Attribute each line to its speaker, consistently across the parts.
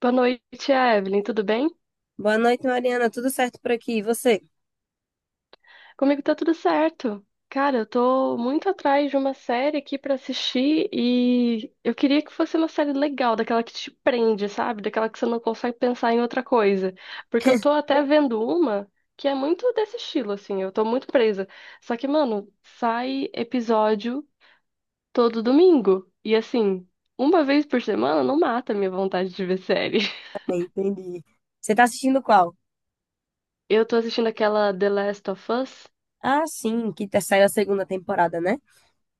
Speaker 1: Boa noite, Evelyn. Tudo bem?
Speaker 2: Boa noite, Mariana. Tudo certo por aqui? E você?
Speaker 1: Comigo tá tudo certo. Cara, eu tô muito atrás de uma série aqui pra assistir e eu queria que fosse uma série legal, daquela que te prende, sabe? Daquela que você não consegue pensar em outra coisa. Porque eu tô até vendo uma que é muito desse estilo, assim. Eu tô muito presa. Só que, mano, sai episódio todo domingo. E assim, uma vez por semana não mata a minha vontade de ver série.
Speaker 2: É, entendi. Você tá assistindo qual?
Speaker 1: Eu tô assistindo aquela The Last of Us.
Speaker 2: Ah, sim, que tá saindo a segunda temporada, né?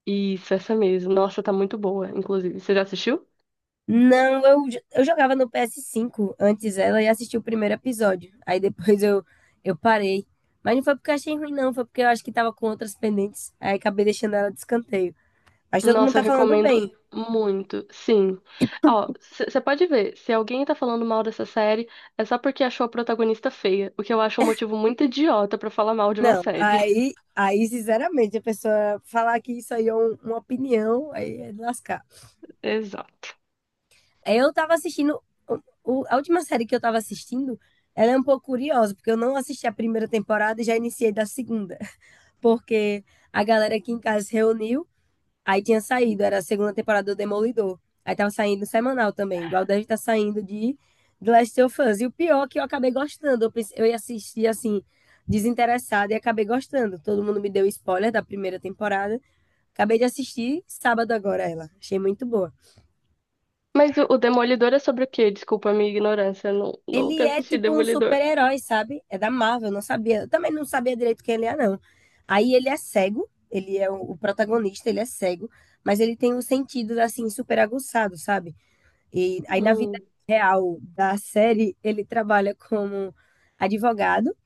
Speaker 1: Isso, essa mesmo. Nossa, tá muito boa, inclusive. Você já assistiu?
Speaker 2: Não, eu jogava no PS5 antes dela e assisti o primeiro episódio. Aí depois eu parei. Mas não foi porque eu achei ruim, não. Foi porque eu acho que tava com outras pendentes. Aí acabei deixando ela de escanteio. Mas todo mundo
Speaker 1: Nossa, eu
Speaker 2: tá falando
Speaker 1: recomendo
Speaker 2: bem.
Speaker 1: muito. Sim. Ó, você pode ver, se alguém tá falando mal dessa série, é só porque achou a protagonista feia, o que eu acho um motivo muito idiota pra falar mal de uma
Speaker 2: Não,
Speaker 1: série.
Speaker 2: aí sinceramente, a pessoa falar que isso aí é uma opinião, aí é de lascar.
Speaker 1: Exato.
Speaker 2: É, eu tava assistindo. o- a última série que eu tava assistindo, ela é um pouco curiosa, porque eu não assisti a primeira temporada e já iniciei da segunda. Porque a galera aqui em casa se reuniu, aí tinha saído, era a segunda temporada do Demolidor. Aí tava saindo semanal também, igual deve estar saindo de The Last of Us. E o pior é que eu acabei gostando. Eu ia assistir assim, desinteressada, e acabei gostando. Todo mundo me deu spoiler da primeira temporada. Acabei de assistir sábado agora ela. Achei muito boa.
Speaker 1: Mas o Demolidor é sobre o quê? Desculpa a minha ignorância, eu não, nunca
Speaker 2: Ele é
Speaker 1: assisti
Speaker 2: tipo um
Speaker 1: Demolidor.
Speaker 2: super-herói, sabe? É da Marvel, eu não sabia. Eu também não sabia direito quem ele é, não. Aí ele é cego, ele é o protagonista, ele é cego, mas ele tem um sentido assim super aguçado, sabe? E aí na vida
Speaker 1: Hum,
Speaker 2: real da série, ele trabalha como advogado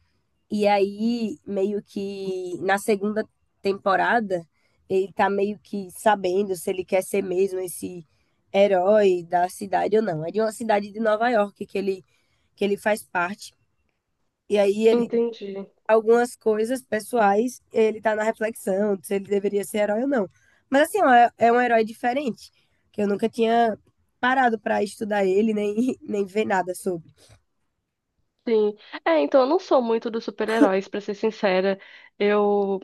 Speaker 2: e aí meio que na segunda temporada, ele tá meio que sabendo se ele quer ser mesmo esse herói da cidade ou não. É de uma cidade de Nova York que ele faz parte. E aí ele
Speaker 1: entendi.
Speaker 2: algumas coisas pessoais, ele tá na reflexão se ele deveria ser herói ou não. Mas assim, ó, é um herói diferente, que eu nunca tinha parado para estudar ele, nem, nem ver nada sobre.
Speaker 1: Sim. É, então eu não sou muito dos super-heróis, pra ser sincera. Eu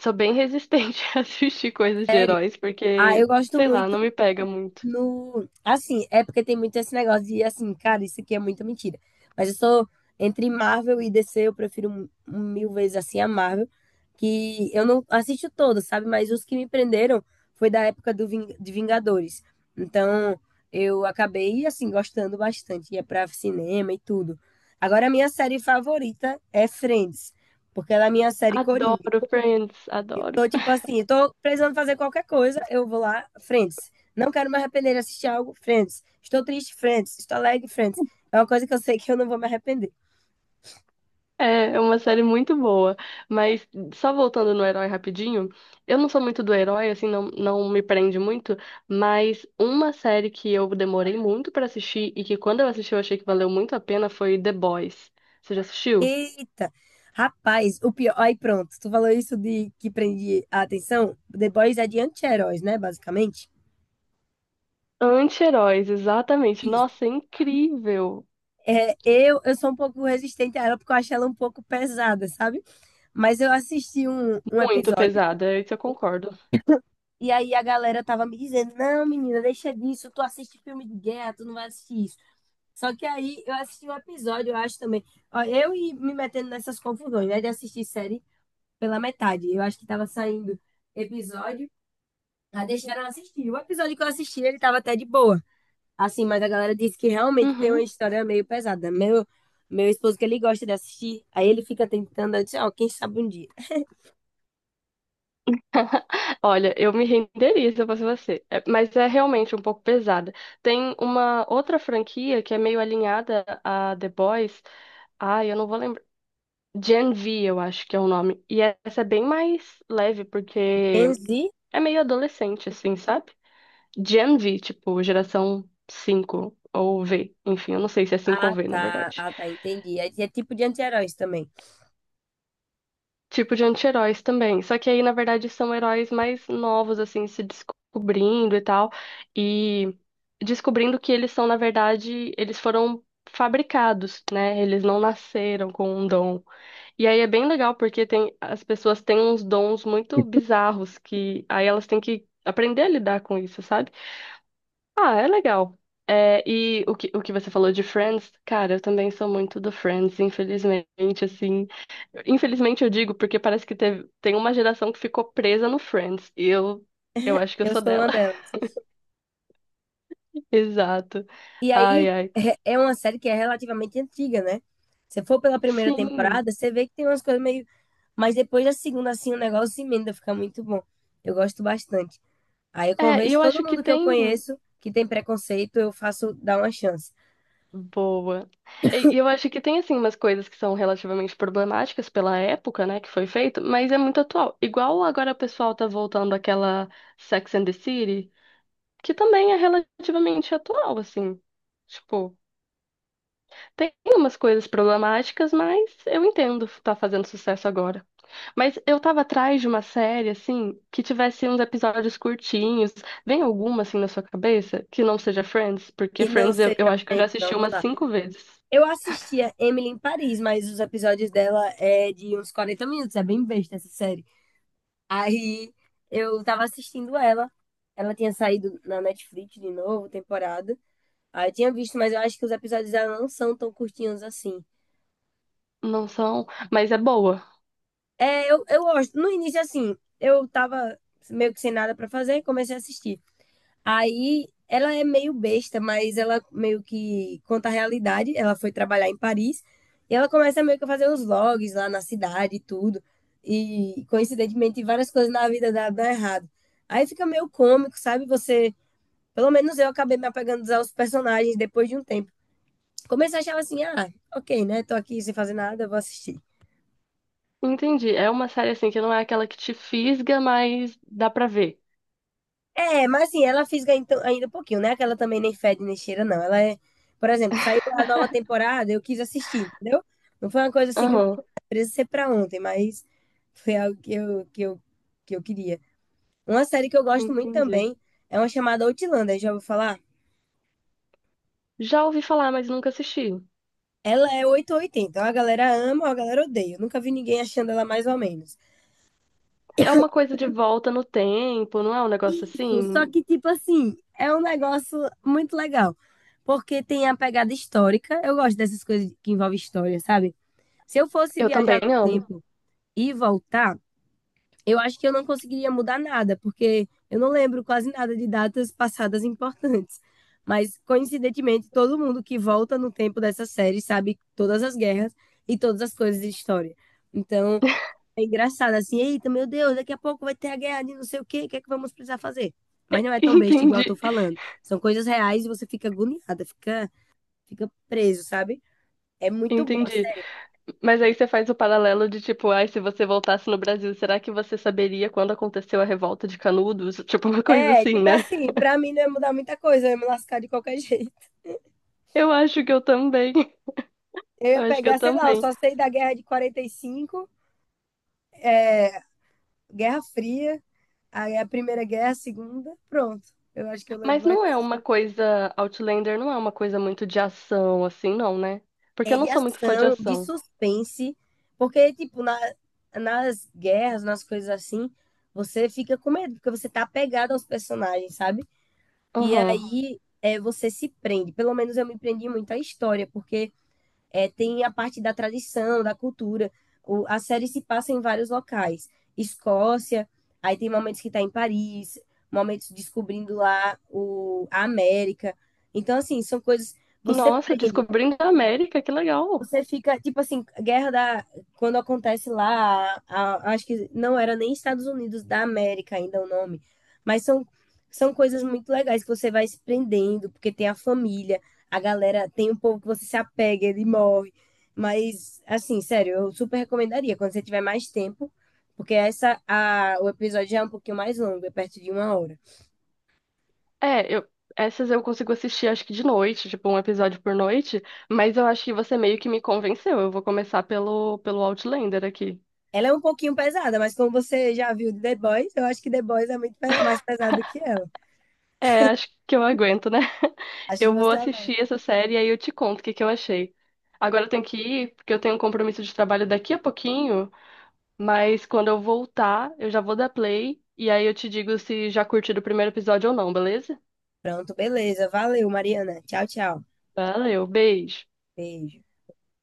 Speaker 1: sou bem resistente a assistir coisas de
Speaker 2: Sério.
Speaker 1: heróis,
Speaker 2: Ah, eu
Speaker 1: porque,
Speaker 2: gosto
Speaker 1: sei lá,
Speaker 2: muito
Speaker 1: não me pega muito.
Speaker 2: no. Assim, é porque tem muito esse negócio de, assim, cara, isso aqui é muita mentira. Mas eu sou. Entre Marvel e DC, eu prefiro mil vezes assim a Marvel, que eu não assisto todos, sabe? Mas os que me prenderam foi da época de Vingadores. Então, eu acabei, assim, gostando bastante. Ia pra cinema e tudo. Agora, a minha série favorita é Friends, porque ela é a minha série coringa.
Speaker 1: Adoro Friends, adoro.
Speaker 2: Tô tipo assim, tô precisando fazer qualquer coisa, eu vou lá, Friends. Não quero me arrepender de assistir algo, Friends. Estou triste, Friends. Estou alegre, Friends. É uma coisa que eu sei que eu não vou me arrepender.
Speaker 1: É, é uma série muito boa. Mas só voltando no herói rapidinho, eu não sou muito do herói, assim, não me prende muito, mas uma série que eu demorei muito pra assistir e que quando eu assisti eu achei que valeu muito a pena foi The Boys. Você já assistiu?
Speaker 2: Eita! Rapaz, o pior. Aí pronto, tu falou isso de que prende a atenção. The Boys é de anti-heróis, né? Basicamente.
Speaker 1: Anti-heróis, exatamente.
Speaker 2: Isso.
Speaker 1: Nossa, é incrível.
Speaker 2: É, eu sou um pouco resistente a ela porque eu acho ela um pouco pesada, sabe? Mas eu assisti um
Speaker 1: Muito
Speaker 2: episódio
Speaker 1: pesada, é isso eu concordo.
Speaker 2: e aí a galera tava me dizendo: não, menina, deixa disso. Tu assiste filme de guerra, tu não vai assistir isso. Só que aí eu assisti um episódio, eu acho também. Ó, eu e me metendo nessas confusões, né? De assistir série pela metade. Eu acho que tava saindo episódio, aí deixaram eu assistir. O episódio que eu assisti, ele tava até de boa. Assim, mas a galera disse que realmente tem uma
Speaker 1: Uhum.
Speaker 2: história meio pesada. Meu esposo, que ele gosta de assistir, aí ele fica tentando, eu disse, ó, quem sabe um dia.
Speaker 1: Olha, eu me renderia se eu fosse você. É, mas é realmente um pouco pesada. Tem uma outra franquia que é meio alinhada a The Boys. Ai, eu não vou lembrar. Gen V, eu acho que é o nome. E essa é bem mais leve, porque
Speaker 2: Enzi?
Speaker 1: é meio adolescente, assim, sabe? Gen V, tipo, geração 5 ou V. Enfim, eu não sei se é 5
Speaker 2: Ah,
Speaker 1: ou V, na
Speaker 2: tá.
Speaker 1: verdade.
Speaker 2: Ah, tá, entendi. é tipo de anti-heróis também.
Speaker 1: Tipo de anti-heróis também. Só que aí, na verdade, são heróis mais novos, assim, se descobrindo e tal. E descobrindo que eles são, na verdade, eles foram fabricados, né? Eles não nasceram com um dom. E aí é bem legal porque tem, as pessoas têm uns dons muito bizarros que aí elas têm que aprender a lidar com isso, sabe? Ah, é legal. É, e o que você falou de Friends, cara, eu também sou muito do Friends, infelizmente, assim. Infelizmente eu digo porque parece que teve, tem uma geração que ficou presa no Friends. Eu acho que eu
Speaker 2: Eu
Speaker 1: sou
Speaker 2: sou
Speaker 1: dela.
Speaker 2: uma delas.
Speaker 1: Exato.
Speaker 2: E
Speaker 1: Ai,
Speaker 2: aí
Speaker 1: ai.
Speaker 2: é uma série que é relativamente antiga, né? Se for pela primeira
Speaker 1: Sim.
Speaker 2: temporada, você vê que tem umas coisas meio. Mas depois da segunda, assim, o negócio emenda, fica muito bom. Eu gosto bastante. Aí eu
Speaker 1: É, e
Speaker 2: convenço
Speaker 1: eu acho
Speaker 2: todo
Speaker 1: que
Speaker 2: mundo que eu
Speaker 1: tem.
Speaker 2: conheço que tem preconceito, eu faço dar uma chance.
Speaker 1: Boa. E eu acho que tem, assim, umas coisas que são relativamente problemáticas pela época, né, que foi feito, mas é muito atual. Igual agora o pessoal tá voltando àquela Sex and the City, que também é relativamente atual, assim. Tipo. Tem umas coisas problemáticas, mas eu entendo tá fazendo sucesso agora. Mas eu tava atrás de uma série, assim, que tivesse uns episódios curtinhos. Vem alguma, assim, na sua cabeça que não seja Friends? Porque
Speaker 2: Que não
Speaker 1: Friends eu
Speaker 2: seja
Speaker 1: acho que eu já
Speaker 2: frente,
Speaker 1: assisti
Speaker 2: vamos
Speaker 1: umas
Speaker 2: lá.
Speaker 1: cinco vezes.
Speaker 2: Eu assistia Emily em Paris, mas os episódios dela é de uns 40 minutos, é bem besta essa série. Aí eu tava assistindo ela. Ela tinha saído na Netflix de novo, temporada. Ah, eu tinha visto, mas eu acho que os episódios dela não são tão curtinhos assim.
Speaker 1: Não são, mas é boa.
Speaker 2: É, eu gosto. No início, assim, eu tava meio que sem nada pra fazer e comecei a assistir. Aí ela é meio besta, mas ela meio que conta a realidade. Ela foi trabalhar em Paris e ela começa meio que a fazer uns vlogs lá na cidade e tudo. E coincidentemente, várias coisas na vida dela dão errado. Aí fica meio cômico, sabe? Você. Pelo menos eu acabei me apegando aos personagens depois de um tempo. Começo eu achava assim, ah, ok, né? Tô aqui sem fazer nada, vou assistir.
Speaker 1: Entendi. É uma série, assim, que não é aquela que te fisga, mas dá pra ver.
Speaker 2: É, mas assim, ela fisga então, ainda um pouquinho, né? Que ela também nem fede nem cheira, não. Ela é, por exemplo, saiu a nova temporada, eu quis assistir, entendeu? Não foi uma coisa assim que eu queria
Speaker 1: Aham,
Speaker 2: presa ser pra ontem, mas foi algo que eu queria. Uma série que eu gosto muito
Speaker 1: entendi.
Speaker 2: também é uma chamada Outlander, já vou falar?
Speaker 1: Já ouvi falar, mas nunca assisti.
Speaker 2: Ela é 880, ou oitenta, ou a galera ama ou a galera odeia. Eu nunca vi ninguém achando ela mais ou menos.
Speaker 1: É uma coisa de volta no tempo, não é um negócio
Speaker 2: Isso, só
Speaker 1: assim?
Speaker 2: que, tipo assim, é um negócio muito legal. Porque tem a pegada histórica. Eu gosto dessas coisas que envolvem história, sabe? Se eu fosse
Speaker 1: Eu
Speaker 2: viajar
Speaker 1: também
Speaker 2: no
Speaker 1: amo.
Speaker 2: tempo e voltar, eu acho que eu não conseguiria mudar nada, porque eu não lembro quase nada de datas passadas importantes. Mas, coincidentemente, todo mundo que volta no tempo dessa série sabe todas as guerras e todas as coisas de história. Então, é engraçado assim, eita, meu Deus, daqui a pouco vai ter a guerra de não sei o quê, o que é que vamos precisar fazer? Mas não é tão besta igual eu tô
Speaker 1: Entendi,
Speaker 2: falando. São coisas reais e você fica agoniada, fica preso, sabe? É muito bom, é
Speaker 1: entendi.
Speaker 2: sério.
Speaker 1: Mas aí você faz o paralelo de tipo, ai, se você voltasse no Brasil, será que você saberia quando aconteceu a revolta de Canudos? Tipo, uma coisa
Speaker 2: É,
Speaker 1: assim,
Speaker 2: tipo
Speaker 1: né?
Speaker 2: assim, pra mim não ia mudar muita coisa, eu ia me lascar de qualquer jeito.
Speaker 1: Eu acho que eu também.
Speaker 2: Eu
Speaker 1: Eu
Speaker 2: ia
Speaker 1: acho que
Speaker 2: pegar,
Speaker 1: eu
Speaker 2: sei lá, eu
Speaker 1: também.
Speaker 2: só sei da guerra de 45, é, Guerra Fria, aí a Primeira Guerra, a Segunda, pronto. Eu acho que eu lembro
Speaker 1: Mas
Speaker 2: mais.
Speaker 1: não é uma coisa, Outlander não é uma coisa muito de ação, assim, não, né? Porque
Speaker 2: É
Speaker 1: eu não
Speaker 2: de
Speaker 1: sou muito fã de
Speaker 2: ação, de
Speaker 1: ação.
Speaker 2: suspense, porque, tipo, nas guerras, nas coisas assim, você fica com medo, porque você tá apegado aos personagens, sabe? E
Speaker 1: Aham.
Speaker 2: aí é, você se prende. Pelo menos eu me prendi muito à história, porque é, tem a parte da tradição, da cultura. A série se passa em vários locais. Escócia, aí tem momentos que tá em Paris, momentos descobrindo lá a América. Então, assim, são coisas. Você
Speaker 1: Nossa,
Speaker 2: prende.
Speaker 1: descobrindo a América, que legal.
Speaker 2: Você fica, tipo assim, guerra da. Quando acontece lá, acho que não era nem Estados Unidos da América ainda o nome, mas são coisas muito legais que você vai se prendendo, porque tem a família, a galera, tem um povo que você se apega, ele morre. Mas, assim, sério, eu super recomendaria quando você tiver mais tempo, porque essa, a, o episódio já é um pouquinho mais longo, é perto de uma hora.
Speaker 1: É, eu, essas eu consigo assistir acho que de noite, tipo um episódio por noite, mas eu acho que você meio que me convenceu. Eu vou começar pelo Outlander aqui.
Speaker 2: Ela é um pouquinho pesada, mas como você já viu de The Boys, eu acho que The Boys é muito mais pesado que ela.
Speaker 1: É, acho que eu aguento, né?
Speaker 2: Acho que
Speaker 1: Eu vou
Speaker 2: você.
Speaker 1: assistir essa série e aí eu te conto o que que eu achei. Agora eu tenho que ir, porque eu tenho um compromisso de trabalho daqui a pouquinho, mas quando eu voltar, eu já vou dar play e aí eu te digo se já curtiu o primeiro episódio ou não, beleza?
Speaker 2: Pronto, beleza. Valeu, Mariana. Tchau, tchau.
Speaker 1: Valeu, beijo.
Speaker 2: Beijo.